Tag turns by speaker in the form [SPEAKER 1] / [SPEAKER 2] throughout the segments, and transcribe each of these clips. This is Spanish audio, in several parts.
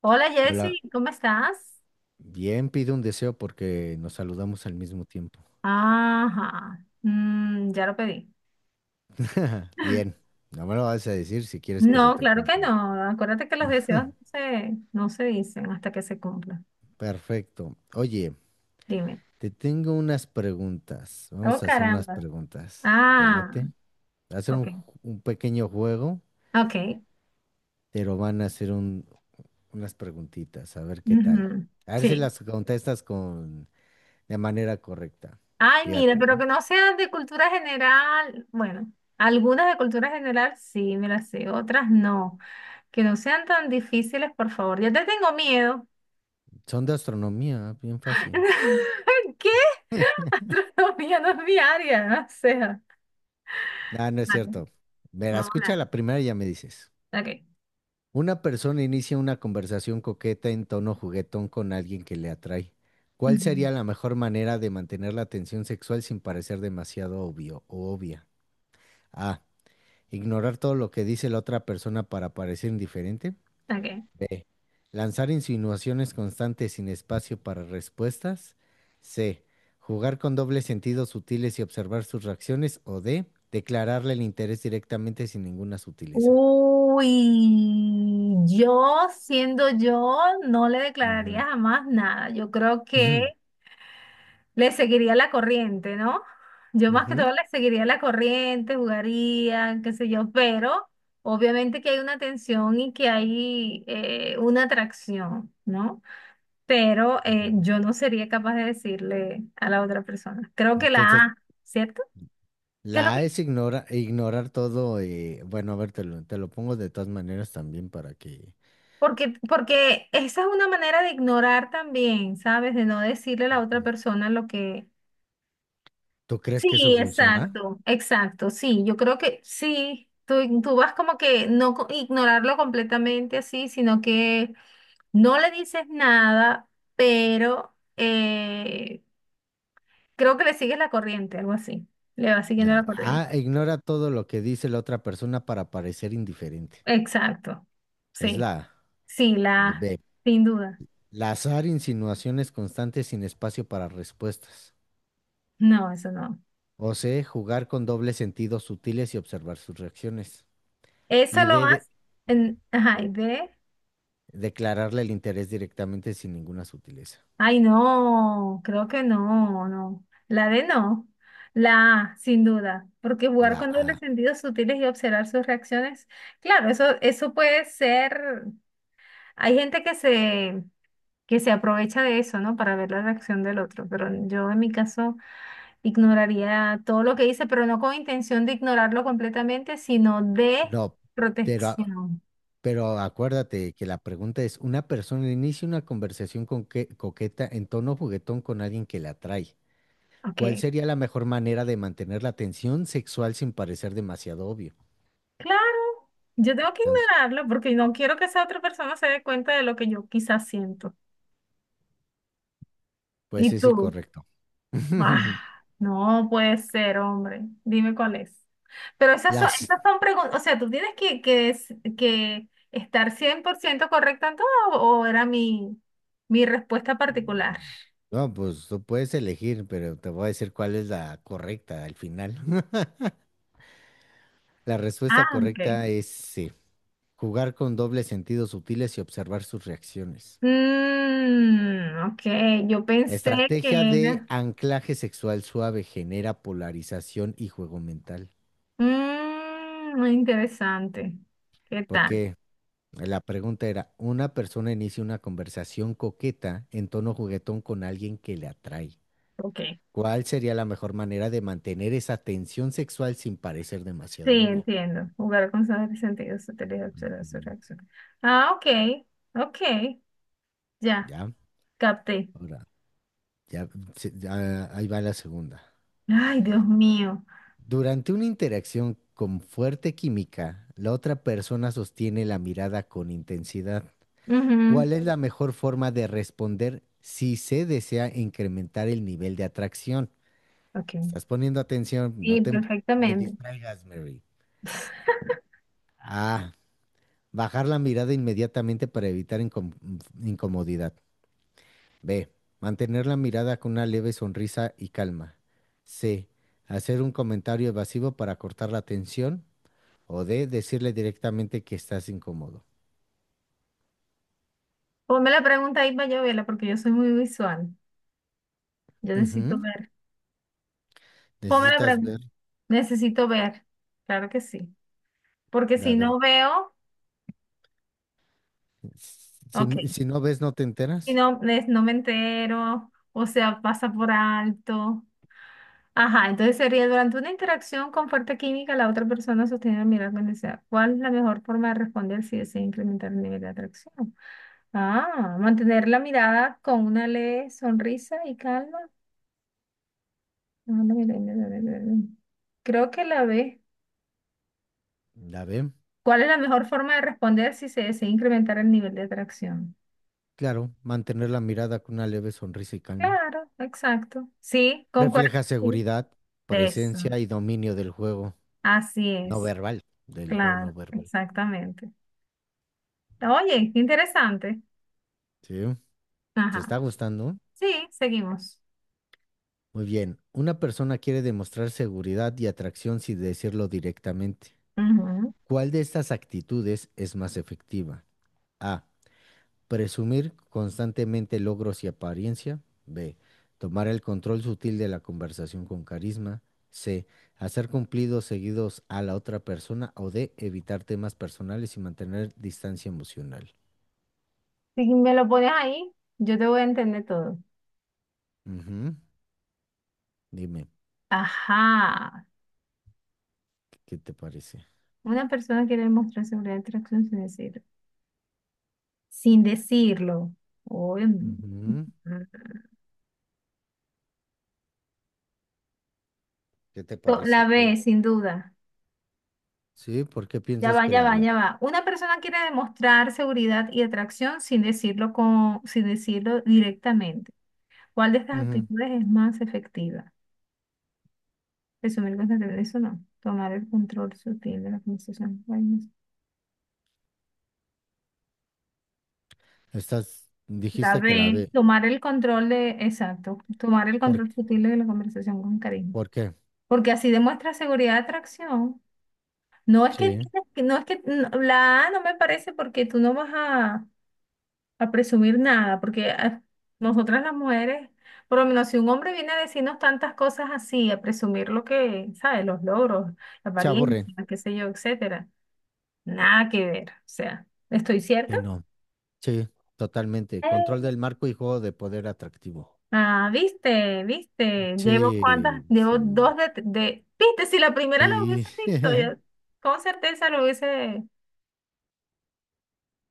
[SPEAKER 1] Hola
[SPEAKER 2] Hola,
[SPEAKER 1] Jessy, ¿cómo estás?
[SPEAKER 2] bien, pido un deseo porque nos saludamos al mismo tiempo.
[SPEAKER 1] Ajá, ya lo pedí.
[SPEAKER 2] Bien, no me lo vas a decir si quieres que se
[SPEAKER 1] No,
[SPEAKER 2] te
[SPEAKER 1] claro que
[SPEAKER 2] cumpla.
[SPEAKER 1] no. Acuérdate que los deseos no se dicen hasta que se cumplan.
[SPEAKER 2] Perfecto. Oye,
[SPEAKER 1] Dime.
[SPEAKER 2] te tengo unas preguntas.
[SPEAKER 1] Oh,
[SPEAKER 2] Vamos a hacer unas
[SPEAKER 1] caramba.
[SPEAKER 2] preguntas. ¿Te
[SPEAKER 1] Ah,
[SPEAKER 2] late? Va a ser
[SPEAKER 1] ok.
[SPEAKER 2] un, un pequeño juego,
[SPEAKER 1] Ok.
[SPEAKER 2] pero van a hacer unas preguntitas, a ver qué tal.
[SPEAKER 1] Ujú.
[SPEAKER 2] A ver si
[SPEAKER 1] Sí.
[SPEAKER 2] las contestas con, de manera correcta.
[SPEAKER 1] Ay, mira,
[SPEAKER 2] Fíjate, ¿eh?
[SPEAKER 1] pero que no sean de cultura general. Bueno, algunas de cultura general sí me las sé, otras no. Que no sean tan difíciles, por favor. Ya te tengo miedo.
[SPEAKER 2] Son de astronomía, bien fácil.
[SPEAKER 1] ¿Qué? Gastronomía no es mi área, o sea.
[SPEAKER 2] Ah, no es
[SPEAKER 1] Vale,
[SPEAKER 2] cierto. Verá,
[SPEAKER 1] vamos a
[SPEAKER 2] escucha
[SPEAKER 1] hablar.
[SPEAKER 2] la primera y ya me dices.
[SPEAKER 1] Ok.
[SPEAKER 2] Una persona inicia una conversación coqueta en tono juguetón con alguien que le atrae. ¿Cuál
[SPEAKER 1] Ujú.
[SPEAKER 2] sería la mejor manera de mantener la atención sexual sin parecer demasiado obvio o obvia? A. Ignorar todo lo que dice la otra persona para parecer indiferente.
[SPEAKER 1] Ok.
[SPEAKER 2] B. Lanzar insinuaciones constantes sin espacio para respuestas. C. Jugar con dobles sentidos sutiles y observar sus reacciones. O D. Declararle el interés directamente sin ninguna sutileza.
[SPEAKER 1] Uy, yo siendo yo no le
[SPEAKER 2] Ujú.
[SPEAKER 1] declararía jamás nada. Yo creo que le seguiría la corriente, ¿no? Yo más que
[SPEAKER 2] Ujú.
[SPEAKER 1] todo le seguiría la corriente, jugaría, qué sé yo, pero obviamente que hay una tensión y que hay una atracción, ¿no? Pero
[SPEAKER 2] Ujú.
[SPEAKER 1] yo no sería capaz de decirle a la otra persona. Creo que la
[SPEAKER 2] Entonces,
[SPEAKER 1] A, ¿cierto? ¿Qué es lo
[SPEAKER 2] la
[SPEAKER 1] que
[SPEAKER 2] A es ignorar todo. Bueno, a ver, te lo pongo de todas maneras también para que...
[SPEAKER 1] Porque esa es una manera de ignorar también, ¿sabes? De no decirle a la otra
[SPEAKER 2] Ujú.
[SPEAKER 1] persona lo que...
[SPEAKER 2] ¿Tú crees
[SPEAKER 1] Sí,
[SPEAKER 2] que eso funciona?
[SPEAKER 1] exacto, exacto, sí, yo creo que sí, tú vas como que no co- ignorarlo completamente así, sino que no le dices nada, pero creo que le sigues la corriente, algo así, le vas siguiendo
[SPEAKER 2] No.
[SPEAKER 1] la corriente.
[SPEAKER 2] A, ignora todo lo que dice la otra persona para parecer indiferente.
[SPEAKER 1] Exacto,
[SPEAKER 2] Es
[SPEAKER 1] sí,
[SPEAKER 2] la A.
[SPEAKER 1] sí, la,
[SPEAKER 2] B,
[SPEAKER 1] sin duda,
[SPEAKER 2] lazar insinuaciones constantes sin espacio para respuestas.
[SPEAKER 1] no, eso no.
[SPEAKER 2] O C, jugar con dobles sentidos sutiles y observar sus reacciones.
[SPEAKER 1] Eso
[SPEAKER 2] Y
[SPEAKER 1] lo
[SPEAKER 2] D,
[SPEAKER 1] más, en, ajá, y de...
[SPEAKER 2] declararle el interés directamente sin ninguna sutileza.
[SPEAKER 1] Ay, no, creo que no, no. La D no. La A, sin duda. Porque jugar
[SPEAKER 2] La
[SPEAKER 1] con dobles
[SPEAKER 2] A.
[SPEAKER 1] sentidos sutiles y observar sus reacciones, claro, eso puede ser. Hay que se aprovecha de eso, ¿no? Para ver la reacción del otro. Pero yo en mi caso ignoraría todo lo que dice, pero no con intención de ignorarlo completamente, sino de
[SPEAKER 2] No, pero
[SPEAKER 1] protección.
[SPEAKER 2] pero acuérdate que la pregunta es, una persona inicia una conversación con coqueta en tono juguetón con alguien que la atrae. ¿Cuál
[SPEAKER 1] Ok.
[SPEAKER 2] sería la mejor manera de mantener la tensión sexual sin parecer demasiado obvio?
[SPEAKER 1] Claro, yo tengo que
[SPEAKER 2] Entonces,
[SPEAKER 1] ignorarlo porque no quiero que esa otra persona se dé cuenta de lo que yo quizás siento.
[SPEAKER 2] pues
[SPEAKER 1] ¿Y
[SPEAKER 2] es
[SPEAKER 1] tú?
[SPEAKER 2] incorrecto.
[SPEAKER 1] Ah, no puede ser, hombre. Dime cuál es. Pero
[SPEAKER 2] Las,
[SPEAKER 1] esas son preguntas, o sea, tú tienes que estar 100% correcto en todo o era mi respuesta particular.
[SPEAKER 2] no, pues tú puedes elegir, pero te voy a decir cuál es la correcta al final. La
[SPEAKER 1] Ah,
[SPEAKER 2] respuesta
[SPEAKER 1] ok.
[SPEAKER 2] correcta es C, jugar con dobles sentidos sutiles y observar sus reacciones.
[SPEAKER 1] Mm, ok, yo pensé que
[SPEAKER 2] Estrategia de
[SPEAKER 1] era...
[SPEAKER 2] anclaje sexual suave genera polarización y juego mental.
[SPEAKER 1] Mm, interesante. ¿Qué tal?
[SPEAKER 2] Porque la pregunta era, una persona inicia una conversación coqueta en tono juguetón con alguien que le atrae.
[SPEAKER 1] Ok.
[SPEAKER 2] ¿Cuál sería la mejor manera de mantener esa tensión sexual sin parecer
[SPEAKER 1] Sí,
[SPEAKER 2] demasiado obvio?
[SPEAKER 1] entiendo. Jugar con sus sentidos sutiles, observar su
[SPEAKER 2] Ujú.
[SPEAKER 1] reacción. Ah, ok, ok, ya,
[SPEAKER 2] ¿Ya?
[SPEAKER 1] capté.
[SPEAKER 2] Ahora, ya, ya, ahí va la segunda.
[SPEAKER 1] Ay, Dios mío.
[SPEAKER 2] Durante una interacción con fuerte química, la otra persona sostiene la mirada con intensidad.
[SPEAKER 1] Ujú.
[SPEAKER 2] ¿Cuál es la mejor forma de responder si se desea incrementar el nivel de atracción?
[SPEAKER 1] Ok,
[SPEAKER 2] Estás poniendo atención, no
[SPEAKER 1] sí,
[SPEAKER 2] te me
[SPEAKER 1] perfectamente.
[SPEAKER 2] distraigas, Mary. A. Bajar la mirada inmediatamente para evitar incomodidad. B. Mantener la mirada con una leve sonrisa y calma. C. Hacer un comentario evasivo para cortar la atención. O D. Decirle directamente que estás incómodo.
[SPEAKER 1] Ponme la pregunta ahí para yo verla, porque yo soy muy visual. Yo necesito
[SPEAKER 2] Ujú.
[SPEAKER 1] ver. Ponme la
[SPEAKER 2] Necesitas
[SPEAKER 1] pregunta.
[SPEAKER 2] ver,
[SPEAKER 1] Necesito ver. Claro que sí. Porque
[SPEAKER 2] a
[SPEAKER 1] si
[SPEAKER 2] ver,
[SPEAKER 1] no veo, ok.
[SPEAKER 2] si, si no ves, no te
[SPEAKER 1] Si
[SPEAKER 2] enteras.
[SPEAKER 1] no, es no me entero, o sea, pasa por alto. Ajá, entonces sería durante una interacción con fuerte química, la otra persona sostiene la mirada con deseo. ¿Cuál es la mejor forma de responder si desea incrementar el nivel de atracción? Ah, mantener la mirada con una leve sonrisa y calma. Ah, no, mira, mira, mira, mira, mira. Creo que la ve
[SPEAKER 2] La ve,
[SPEAKER 1] ¿Cuál es la mejor forma de responder si se desea incrementar el nivel de atracción?
[SPEAKER 2] claro, mantener la mirada con una leve sonrisa y calma.
[SPEAKER 1] Claro, exacto. Sí, concuerdo.
[SPEAKER 2] Refleja
[SPEAKER 1] Contigo.
[SPEAKER 2] seguridad,
[SPEAKER 1] Eso.
[SPEAKER 2] presencia y dominio
[SPEAKER 1] Así es,
[SPEAKER 2] del juego
[SPEAKER 1] claro,
[SPEAKER 2] no verbal.
[SPEAKER 1] exactamente. Oye, qué interesante.
[SPEAKER 2] Sí, te
[SPEAKER 1] Ajá.
[SPEAKER 2] está gustando.
[SPEAKER 1] Sí, seguimos.
[SPEAKER 2] Muy bien, una persona quiere demostrar seguridad y atracción sin decirlo directamente.
[SPEAKER 1] Ujú.
[SPEAKER 2] ¿Cuál de estas actitudes es más efectiva? A. Presumir constantemente logros y apariencia. B. Tomar el control sutil de la conversación con carisma. C. Hacer cumplidos seguidos a la otra persona. O D. Evitar temas personales y mantener distancia emocional.
[SPEAKER 1] Si me lo pones ahí, yo te voy a entender todo.
[SPEAKER 2] Ujú. Dime,
[SPEAKER 1] Ajá.
[SPEAKER 2] ¿qué te parece?
[SPEAKER 1] Una persona quiere demostrar seguridad de atracción sin decirlo. Sin decirlo. Uy,
[SPEAKER 2] Ujú. ¿Qué te
[SPEAKER 1] To- La
[SPEAKER 2] parece?
[SPEAKER 1] B,
[SPEAKER 2] ¿Cuál?
[SPEAKER 1] sin duda.
[SPEAKER 2] Sí, ¿por qué
[SPEAKER 1] Ya
[SPEAKER 2] piensas
[SPEAKER 1] va,
[SPEAKER 2] que
[SPEAKER 1] ya
[SPEAKER 2] la
[SPEAKER 1] va,
[SPEAKER 2] B?
[SPEAKER 1] ya va. Una persona quiere demostrar seguridad y atracción sin decirlo directamente. ¿Cuál de estas
[SPEAKER 2] Ujú.
[SPEAKER 1] actitudes es más efectiva? Resumir cosas de eso no. Tomar el control sutil de la conversación. Ay, no sé.
[SPEAKER 2] Estás,
[SPEAKER 1] La
[SPEAKER 2] dijiste que la
[SPEAKER 1] B,
[SPEAKER 2] B.
[SPEAKER 1] tomar el control de, exacto, tomar el
[SPEAKER 2] ¿Por,
[SPEAKER 1] control
[SPEAKER 2] qué?
[SPEAKER 1] sutil de la conversación con cariño.
[SPEAKER 2] ¿Por qué?
[SPEAKER 1] Porque así demuestra seguridad de atracción. No es que,
[SPEAKER 2] Sí.
[SPEAKER 1] tienes que- no es que, no, la A no me parece porque tú no vas a presumir nada, porque nosotras las mujeres, por lo menos si un hombre viene a decirnos tantas cosas así, a presumir lo que, ¿sabes? Los logros, la
[SPEAKER 2] Se aburre
[SPEAKER 1] apariencia, qué sé yo, etcétera. Nada que ver. O sea, ¿estoy cierta?
[SPEAKER 2] Que no. Sí, totalmente. Control del marco y juego de poder atractivo.
[SPEAKER 1] Ah, viste, viste. Llevo cuántas,
[SPEAKER 2] Sí,
[SPEAKER 1] llevo
[SPEAKER 2] sí,
[SPEAKER 1] dos de- Viste, si la primera la
[SPEAKER 2] sí.
[SPEAKER 1] hubiese visto, ya con certeza lo hubiese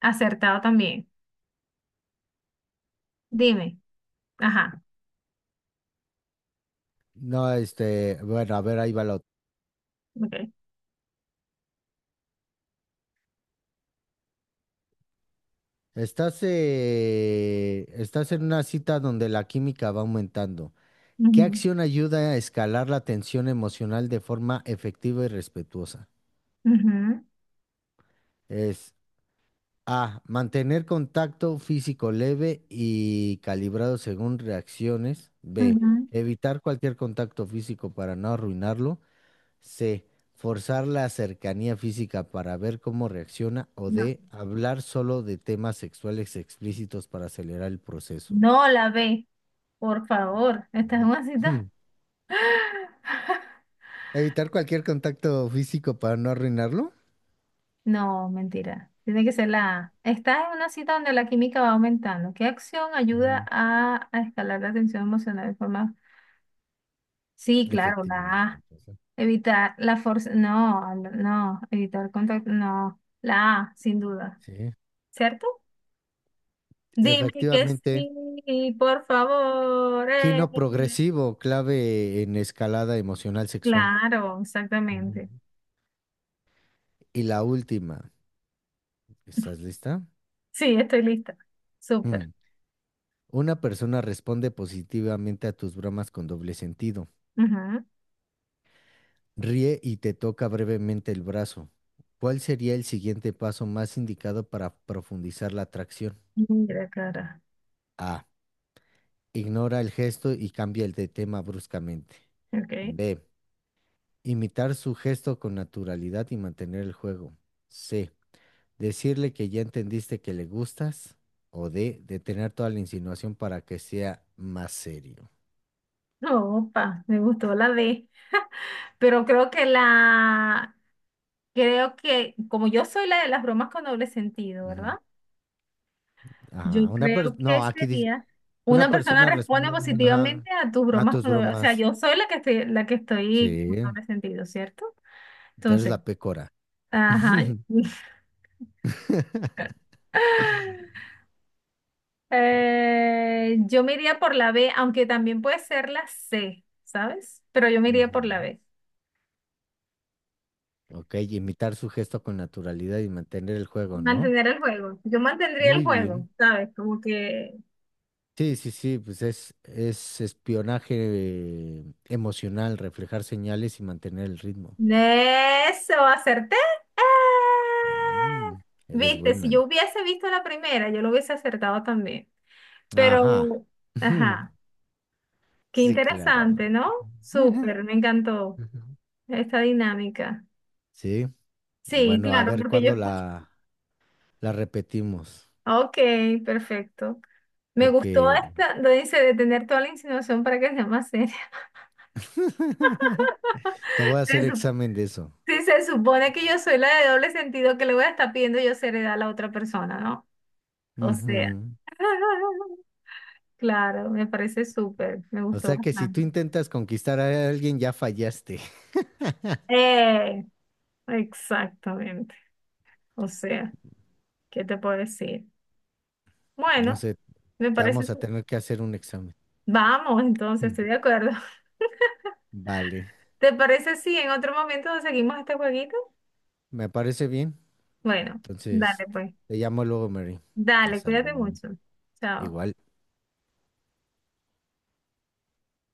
[SPEAKER 1] acertado también. Dime. Ajá.
[SPEAKER 2] No, bueno, a ver, ahí va la otra.
[SPEAKER 1] Ok.
[SPEAKER 2] Estás, estás en una cita donde la química va aumentando. ¿Qué
[SPEAKER 1] Ujú,
[SPEAKER 2] acción ayuda a escalar la tensión emocional de forma efectiva y respetuosa?
[SPEAKER 1] ujú,
[SPEAKER 2] Es A, mantener contacto físico leve y calibrado según reacciones. B,
[SPEAKER 1] ujú.
[SPEAKER 2] evitar cualquier contacto físico para no arruinarlo. C. Forzar la cercanía física para ver cómo reacciona. O
[SPEAKER 1] No.
[SPEAKER 2] D. Hablar solo de temas sexuales explícitos para acelerar el proceso.
[SPEAKER 1] No la ve, por favor. Esta es
[SPEAKER 2] Ujú,
[SPEAKER 1] una cita.
[SPEAKER 2] Hmm. Evitar cualquier contacto físico para no arruinarlo.
[SPEAKER 1] No, mentira. Tiene que ser la A. Estás en una cita donde la química va aumentando. ¿Qué acción ayuda
[SPEAKER 2] Ujú.
[SPEAKER 1] a escalar la tensión emocional de forma? Sí, claro, la
[SPEAKER 2] Efectivamente.
[SPEAKER 1] A. Evitar la fuerza, no, no, evitar contacto, no, la A, sin duda,
[SPEAKER 2] Sí.
[SPEAKER 1] ¿cierto? Dime que
[SPEAKER 2] Efectivamente.
[SPEAKER 1] sí, por favor.
[SPEAKER 2] Quino progresivo, clave en escalada emocional sexual.
[SPEAKER 1] Claro,
[SPEAKER 2] Ujú.
[SPEAKER 1] exactamente.
[SPEAKER 2] Y la última. ¿Estás lista?
[SPEAKER 1] Sí, estoy lista. Súper.
[SPEAKER 2] Mm. Una persona responde positivamente a tus bromas con doble sentido.
[SPEAKER 1] Ujú.
[SPEAKER 2] Ríe y te toca brevemente el brazo. ¿Cuál sería el siguiente paso más indicado para profundizar la atracción?
[SPEAKER 1] Mira, cara.
[SPEAKER 2] A. Ignora el gesto y cambia el de tema bruscamente.
[SPEAKER 1] Ok.
[SPEAKER 2] B. Imitar su gesto con naturalidad y mantener el juego. C. Decirle que ya entendiste que le gustas. O D. Detener toda la insinuación para que sea más serio.
[SPEAKER 1] Opa, me gustó la D. Pero creo que la, creo que, como yo soy la de las bromas con doble sentido,
[SPEAKER 2] Ujú.
[SPEAKER 1] ¿verdad? Yo
[SPEAKER 2] Ajá. Una persona.
[SPEAKER 1] creo que
[SPEAKER 2] No, aquí dice.
[SPEAKER 1] sería
[SPEAKER 2] Una
[SPEAKER 1] una persona
[SPEAKER 2] persona
[SPEAKER 1] responde
[SPEAKER 2] responde ajá,
[SPEAKER 1] positivamente a tus
[SPEAKER 2] a
[SPEAKER 1] bromas
[SPEAKER 2] tus
[SPEAKER 1] cuando, o sea,
[SPEAKER 2] bromas.
[SPEAKER 1] yo soy la que estoy con
[SPEAKER 2] Sí.
[SPEAKER 1] doble sentido, ¿cierto?
[SPEAKER 2] Tú eres
[SPEAKER 1] Entonces,
[SPEAKER 2] la pecora.
[SPEAKER 1] ajá. Yo me iría por la B, aunque también puede ser la C, ¿sabes? Pero yo me iría por la
[SPEAKER 2] Ujú.
[SPEAKER 1] B.
[SPEAKER 2] Ok, imitar su gesto con naturalidad y mantener el juego, ¿no?
[SPEAKER 1] Mantener el juego. Yo mantendría el
[SPEAKER 2] Muy
[SPEAKER 1] juego,
[SPEAKER 2] bien.
[SPEAKER 1] ¿sabes? Como que
[SPEAKER 2] Sí, sí, sí, pues es espionaje emocional, reflejar señales y mantener el ritmo.
[SPEAKER 1] Eso, acerté. ¡Ah!
[SPEAKER 2] Mm, eres
[SPEAKER 1] Viste, si yo
[SPEAKER 2] buena.
[SPEAKER 1] hubiese visto la primera, yo lo hubiese acertado también.
[SPEAKER 2] Ajá.
[SPEAKER 1] Pero, ajá, qué
[SPEAKER 2] Sí, claro.
[SPEAKER 1] interesante, ¿no?
[SPEAKER 2] Ajá.
[SPEAKER 1] Súper, me encantó
[SPEAKER 2] Ujú.
[SPEAKER 1] esta dinámica.
[SPEAKER 2] Sí,
[SPEAKER 1] Sí,
[SPEAKER 2] bueno, a
[SPEAKER 1] claro,
[SPEAKER 2] ver
[SPEAKER 1] porque yo
[SPEAKER 2] cuándo
[SPEAKER 1] escucho.
[SPEAKER 2] la repetimos,
[SPEAKER 1] Ok, perfecto. Me gustó
[SPEAKER 2] porque
[SPEAKER 1] esta, lo dice, de tener toda la insinuación para que sea más seria.
[SPEAKER 2] te voy a
[SPEAKER 1] Se
[SPEAKER 2] hacer
[SPEAKER 1] sup-
[SPEAKER 2] examen de eso.
[SPEAKER 1] Si se supone que yo soy la de doble sentido, que le voy a estar pidiendo yo seriedad a la otra persona, ¿no? O sea.
[SPEAKER 2] Ujú.
[SPEAKER 1] Claro, me parece súper, me
[SPEAKER 2] O
[SPEAKER 1] gustó
[SPEAKER 2] sea que si tú
[SPEAKER 1] bastante.
[SPEAKER 2] intentas conquistar a alguien, ya fallaste.
[SPEAKER 1] Eh, exactamente. O sea, ¿qué te puedo decir?
[SPEAKER 2] No
[SPEAKER 1] Bueno,
[SPEAKER 2] sé,
[SPEAKER 1] me
[SPEAKER 2] te
[SPEAKER 1] parece...
[SPEAKER 2] vamos a
[SPEAKER 1] su-
[SPEAKER 2] tener que hacer un examen.
[SPEAKER 1] Vamos, entonces,
[SPEAKER 2] Mm.
[SPEAKER 1] estoy de acuerdo.
[SPEAKER 2] Vale,
[SPEAKER 1] ¿Te parece si en otro momento seguimos este jueguito?
[SPEAKER 2] me parece bien.
[SPEAKER 1] Bueno,
[SPEAKER 2] Entonces,
[SPEAKER 1] dale pues.
[SPEAKER 2] te llamo luego, Mary.
[SPEAKER 1] Dale,
[SPEAKER 2] Hasta
[SPEAKER 1] cuídate
[SPEAKER 2] luego.
[SPEAKER 1] mucho. Chao.
[SPEAKER 2] Igual.